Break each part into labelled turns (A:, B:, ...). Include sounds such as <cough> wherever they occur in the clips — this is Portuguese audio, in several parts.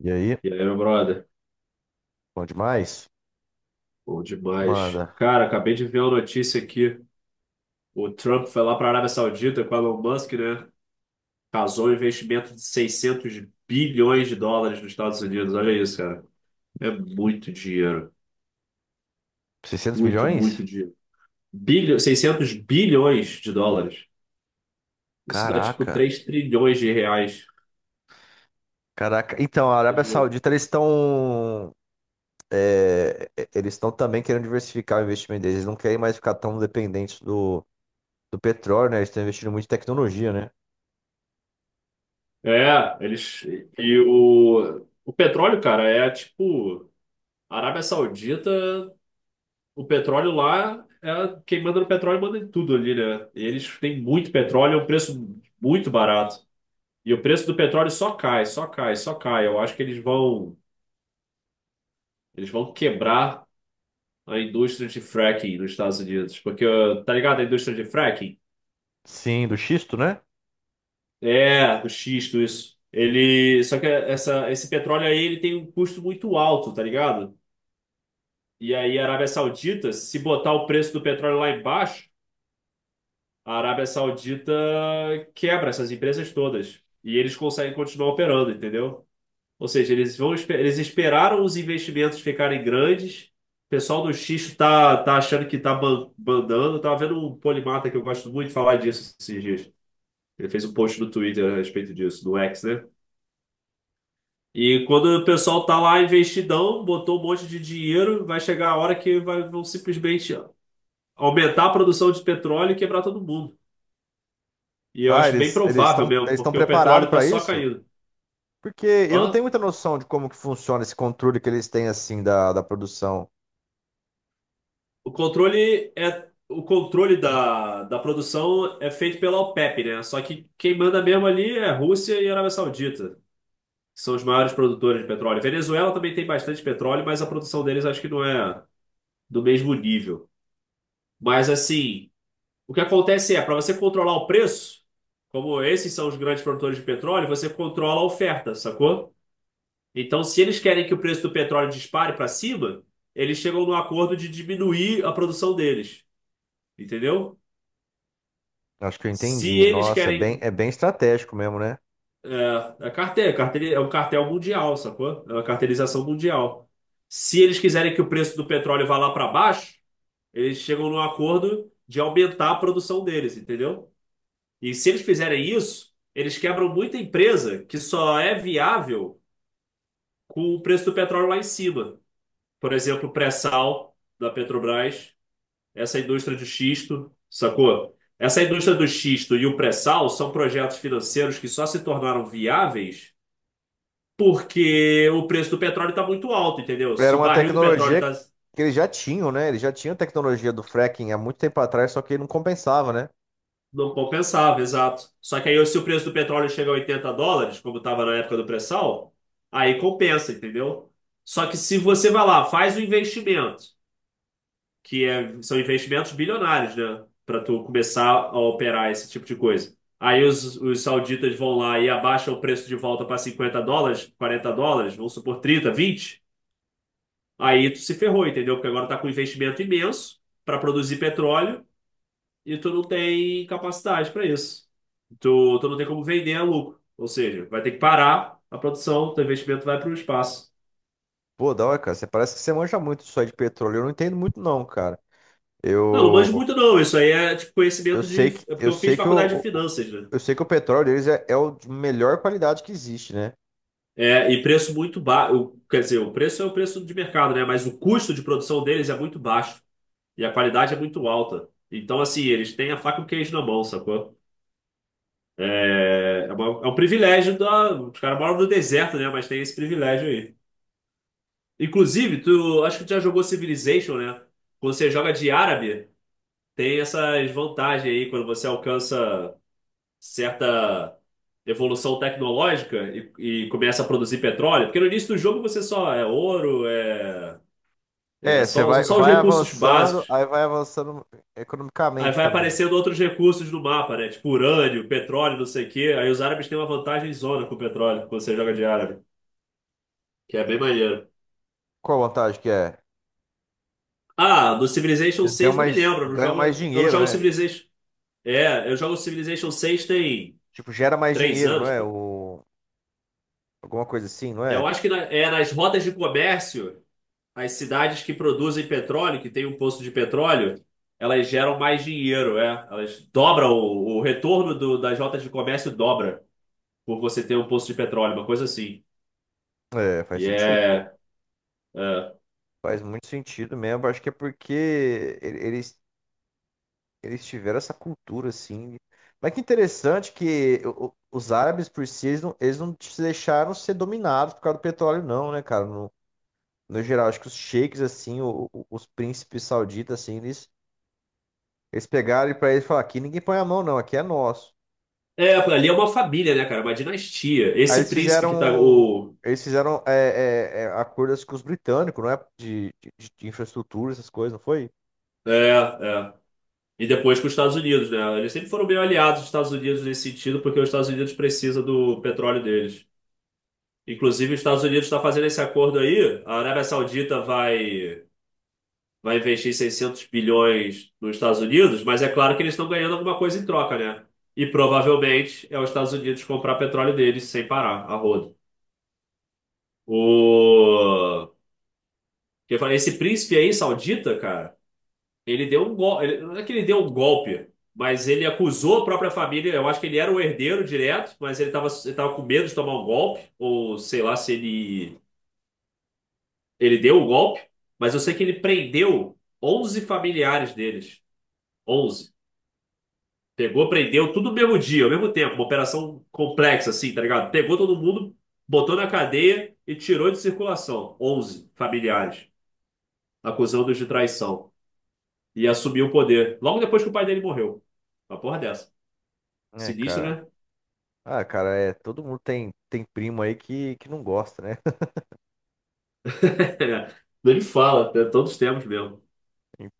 A: E aí?
B: E aí, meu brother?
A: Bom demais?
B: Bom demais.
A: Manda.
B: Cara, acabei de ver uma notícia aqui. O Trump foi lá para a Arábia Saudita com o Elon Musk, né? Casou um investimento de 600 bilhões de dólares nos Estados Unidos. Olha isso, cara. É muito dinheiro.
A: seiscentos
B: Muito,
A: bilhões?
B: muito dinheiro. Seiscentos bilhões de dólares. Isso dá tipo
A: Caraca.
B: 3 trilhões de reais.
A: Caraca. Então, a Arábia
B: Imagina.
A: Saudita, eles estão. Eles estão também querendo diversificar o investimento deles. Eles não querem mais ficar tão dependentes do petróleo, né? Eles estão investindo muito em tecnologia, né?
B: É, eles. E o petróleo, cara, é tipo. A Arábia Saudita. O petróleo lá, quem manda no petróleo manda em tudo ali, né? E eles têm muito petróleo, é um preço muito barato. E o preço do petróleo só cai, só cai, só cai. Eu acho que eles vão, Eles vão quebrar a indústria de fracking nos Estados Unidos. Porque, ó, tá ligado? A indústria de fracking?
A: Sim, do xisto, né?
B: É, o xisto, isso. Ele, só que essa, Esse petróleo aí, ele tem um custo muito alto, tá ligado? E aí a Arábia Saudita, se botar o preço do petróleo lá embaixo, a Arábia Saudita quebra essas empresas todas e eles conseguem continuar operando, entendeu? Ou seja, eles esperaram os investimentos ficarem grandes. O pessoal do Xixo tá achando que tá bandando. Tava vendo um polimata que eu gosto muito de falar disso esses dias. Ele fez um post no Twitter a respeito disso, no X, né? E quando o pessoal tá lá investidão, botou um monte de dinheiro, vai chegar a hora que vão simplesmente aumentar a produção de petróleo e quebrar todo mundo. E eu
A: Ah,
B: acho bem
A: eles eles estão
B: provável mesmo,
A: eles estão
B: porque o petróleo
A: preparados
B: está
A: para
B: só
A: isso?
B: caindo.
A: Porque eu não
B: Hã?
A: tenho muita noção de como que funciona esse controle que eles têm assim da produção.
B: O controle da produção é feito pela OPEP, né? Só que quem manda mesmo ali é Rússia e Arábia Saudita, que são os maiores produtores de petróleo. Venezuela também tem bastante petróleo, mas a produção deles acho que não é do mesmo nível. Mas assim, o que acontece é, para você controlar o preço, como esses são os grandes produtores de petróleo, você controla a oferta, sacou? Então, se eles querem que o preço do petróleo dispare para cima, eles chegam no acordo de diminuir a produção deles, entendeu?
A: Acho que eu
B: Se
A: entendi.
B: eles
A: Nossa, é bem,
B: querem.
A: é bem estratégico mesmo, né?
B: É, é cartel, cartel, é um cartel mundial, sacou? É uma cartelização mundial. Se eles quiserem que o preço do petróleo vá lá para baixo, eles chegam no acordo de aumentar a produção deles, entendeu? E se eles fizerem isso, eles quebram muita empresa que só é viável com o preço do petróleo lá em cima. Por exemplo, o pré-sal da Petrobras. Essa indústria de xisto, sacou? Essa indústria do xisto e o pré-sal são projetos financeiros que só se tornaram viáveis porque o preço do petróleo está muito alto, entendeu?
A: Era
B: Se o
A: uma
B: barril do petróleo
A: tecnologia
B: tá,
A: que eles já tinham, né? Eles já tinham tecnologia do fracking há muito tempo atrás, só que não compensava, né?
B: não compensava, exato. Só que aí, se o preço do petróleo chega a 80 dólares, como estava na época do pré-sal, aí compensa, entendeu? Só que se você vai lá, faz o investimento, são investimentos bilionários, né? Para tu começar a operar esse tipo de coisa. Aí os sauditas vão lá e abaixam o preço de volta para 50 dólares, 40 dólares, vamos supor 30, 20. Aí tu se ferrou, entendeu? Porque agora tá com um investimento imenso para produzir petróleo e tu não tem capacidade para isso. Tu não tem como vender a lucro. Ou seja, vai ter que parar a produção, teu investimento vai para o espaço.
A: Pô, da hora, cara, você parece que você manja muito disso aí de petróleo. Eu não entendo muito, não, cara.
B: Não, não
A: Eu,
B: manjo muito não. Isso aí é tipo conhecimento de. É porque
A: eu
B: eu fiz
A: sei que,
B: faculdade de
A: o,
B: finanças, né?
A: eu sei que o petróleo deles é, é o de melhor qualidade que existe, né?
B: É, e preço muito baixo. Quer dizer, o preço é o preço de mercado, né? Mas o custo de produção deles é muito baixo e a qualidade é muito alta. Então, assim, eles têm a faca e o queijo na mão, sacou? É um privilégio da. Os caras moram no deserto, né? Mas tem esse privilégio aí. Inclusive, tu acho que tu já jogou Civilization, né? Quando você joga de árabe, tem essas vantagens aí quando você alcança certa evolução tecnológica e começa a produzir petróleo, porque no início do jogo você só é ouro,
A: É, você
B: são
A: vai,
B: só os
A: vai
B: recursos
A: avançando,
B: básicos.
A: aí vai avançando
B: Aí
A: economicamente
B: vai
A: também.
B: aparecendo outros recursos no mapa, né? Tipo urânio, petróleo, não sei o quê. Aí os árabes têm uma vantagem zona com o petróleo, quando você joga de árabe, que é bem maneiro.
A: Qual a vantagem que é?
B: Ah, no Civilization
A: Eles ganham
B: seis não me
A: mais,
B: lembro,
A: ganham mais
B: eu não
A: dinheiro,
B: jogo
A: né?
B: Civilization. É, eu jogo Civilization seis tem
A: Tipo, gera mais
B: três
A: dinheiro, não
B: anos,
A: é?
B: pô.
A: O, alguma coisa assim, não
B: Eu
A: é?
B: acho que na- é nas rotas de comércio. As cidades que produzem petróleo, que tem um poço de petróleo, elas geram mais dinheiro, é. Elas dobram o retorno das rotas de comércio dobra por você ter um poço de petróleo, uma coisa assim.
A: É, faz
B: E
A: sentido, pô.
B: é, é,
A: Faz muito sentido mesmo. Acho que é porque ele- eles, eles tiveram essa cultura, assim. Mas que interessante que os árabes, por si, eles não se deixaram ser dominados por causa do petróleo, não, né, cara? No, no geral, acho que os sheiks, assim, os príncipes sauditas, assim, eles pegaram e pra eles falaram, aqui ninguém põe a mão, não, aqui é nosso.
B: é, ali é uma família, né, cara? Uma dinastia.
A: Aí
B: Esse
A: eles
B: príncipe que tá
A: fizeram,
B: o
A: eles fizeram é, é, é, acordos com os britânicos, não é? De infraestrutura, essas coisas, não foi?
B: é, é. E depois com os Estados Unidos, né? Eles sempre foram meio aliados dos Estados Unidos nesse sentido, porque os Estados Unidos precisa do petróleo deles. Inclusive, os Estados Unidos está fazendo esse acordo aí. A Arábia Saudita vai investir 600 bilhões nos Estados Unidos, mas é claro que eles estão ganhando alguma coisa em troca, né? E provavelmente é os Estados Unidos comprar petróleo deles sem parar, a rodo. O... Eu falei, esse príncipe aí, saudita, cara, ele deu um golpe. Não é que ele deu um golpe, mas ele acusou a própria família. Eu acho que ele era o herdeiro direto, mas ele tava com medo de tomar um golpe, ou sei lá se ele, ele deu um golpe. Mas eu sei que ele prendeu 11 familiares deles. 11. Pegou, prendeu tudo no mesmo dia, ao mesmo tempo. Uma operação complexa, assim, tá ligado? Pegou todo mundo, botou na cadeia e tirou de circulação. 11 familiares, acusando-os de traição. E assumiu o poder. Logo depois que o pai dele morreu. Uma porra dessa.
A: É,
B: Sinistro,
A: cara.
B: né?
A: Ah, cara, é, todo mundo tem, primo aí que não gosta, né? <laughs>
B: <laughs> Ele fala, é todos os tempos mesmo.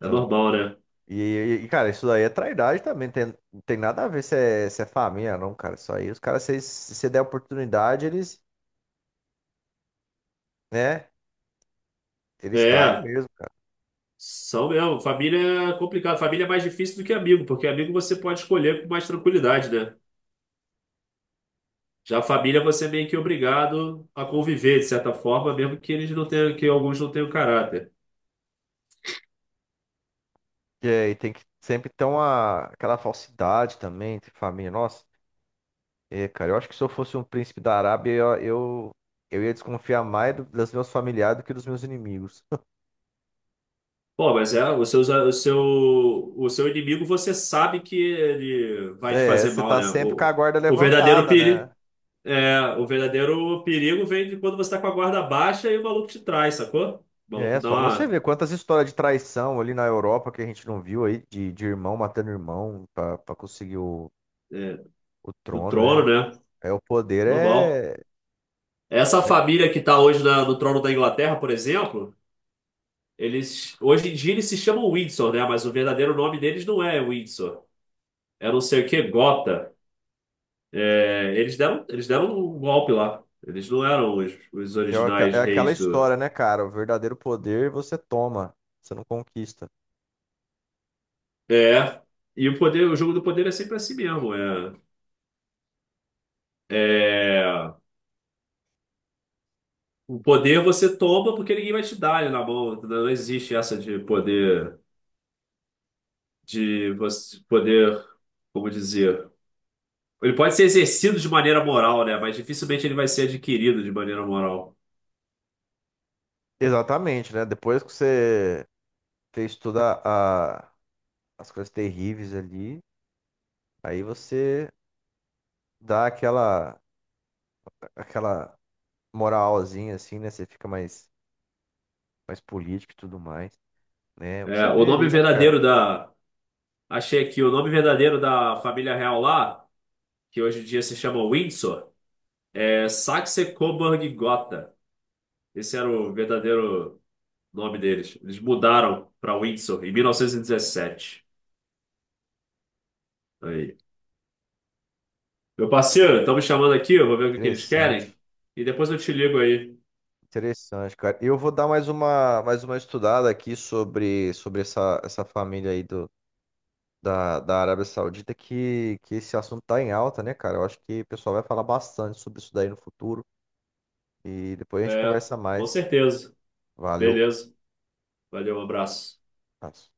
B: É normal, né?
A: e, e, cara, isso daí é trairagem também, não tem nada a ver se é família, não, cara. Isso aí, os caras, se você der oportunidade, eles, né, eles traem
B: É,
A: mesmo, cara.
B: são mesmo. Família é complicado. Família é mais difícil do que amigo, porque amigo você pode escolher com mais tranquilidade, né? Já a família você é meio que obrigado a conviver, de certa forma, mesmo que eles não tenham, que alguns não tenham caráter.
A: E, aí tem que sempre ter uma, aquela falsidade também, entre família. Nossa, é, cara, eu acho que se eu fosse um príncipe da Arábia, eu ia desconfiar mais dos meus familiares do que dos meus inimigos. <laughs>
B: Pô, mas é, o seu inimigo você sabe que ele vai te
A: É,
B: fazer
A: você
B: mal,
A: tá
B: né?
A: sempre com a guarda
B: O verdadeiro
A: levantada, né?
B: perigo, o verdadeiro perigo vem de quando você tá com a guarda baixa e o maluco te trai, sacou? O maluco
A: É,
B: dá
A: só você
B: uma,
A: ver quantas histórias de traição ali na Europa que a gente não viu aí, de irmão matando irmão pra conseguir o,
B: é,
A: o
B: no
A: trono,
B: trono,
A: né?
B: né?
A: É, o poder
B: Normal. Essa
A: né, que-
B: família que tá hoje no trono da Inglaterra, por exemplo. Eles, hoje em dia eles se chamam Windsor, né? Mas o verdadeiro nome deles não é Windsor. É não sei o que, Gotha. É, eles deram um golpe lá. Eles não eram os
A: é, aqua-
B: originais
A: é aquela
B: reis do.
A: história, né, cara? O verdadeiro poder você toma, você não conquista.
B: É. E o poder, o jogo do poder é sempre assim mesmo. É, o poder você toma porque ninguém vai te dar ele na mão. Não existe essa de poder, de você poder, como dizer. Ele pode ser exercido de maneira moral, né? Mas dificilmente ele vai ser adquirido de maneira moral.
A: Exatamente, né? Depois que você fez toda as coisas terríveis ali, aí você dá aquela moralzinha assim, né? Você fica mais político e tudo mais, né?
B: É,
A: Você
B: o
A: vê
B: nome
A: ali, né, cara?
B: verdadeiro da. Achei aqui, o nome verdadeiro da família real lá, que hoje em dia se chama Windsor, é Saxe-Coburg-Gotha. Esse era o verdadeiro nome deles. Eles mudaram para Windsor em 1917. Aí. Meu parceiro, estão me chamando aqui, eu vou ver o que que eles querem.
A: Interessante,
B: E depois eu te ligo aí.
A: interessante, cara. Eu vou dar mais uma estudada aqui sobre essa, essa família aí da Arábia Saudita, que esse assunto tá em alta, né, cara? Eu acho que o pessoal vai falar bastante sobre isso daí no futuro e depois a gente
B: É,
A: conversa
B: com
A: mais.
B: certeza.
A: Valeu.
B: Beleza. Valeu, um abraço.
A: Abraço.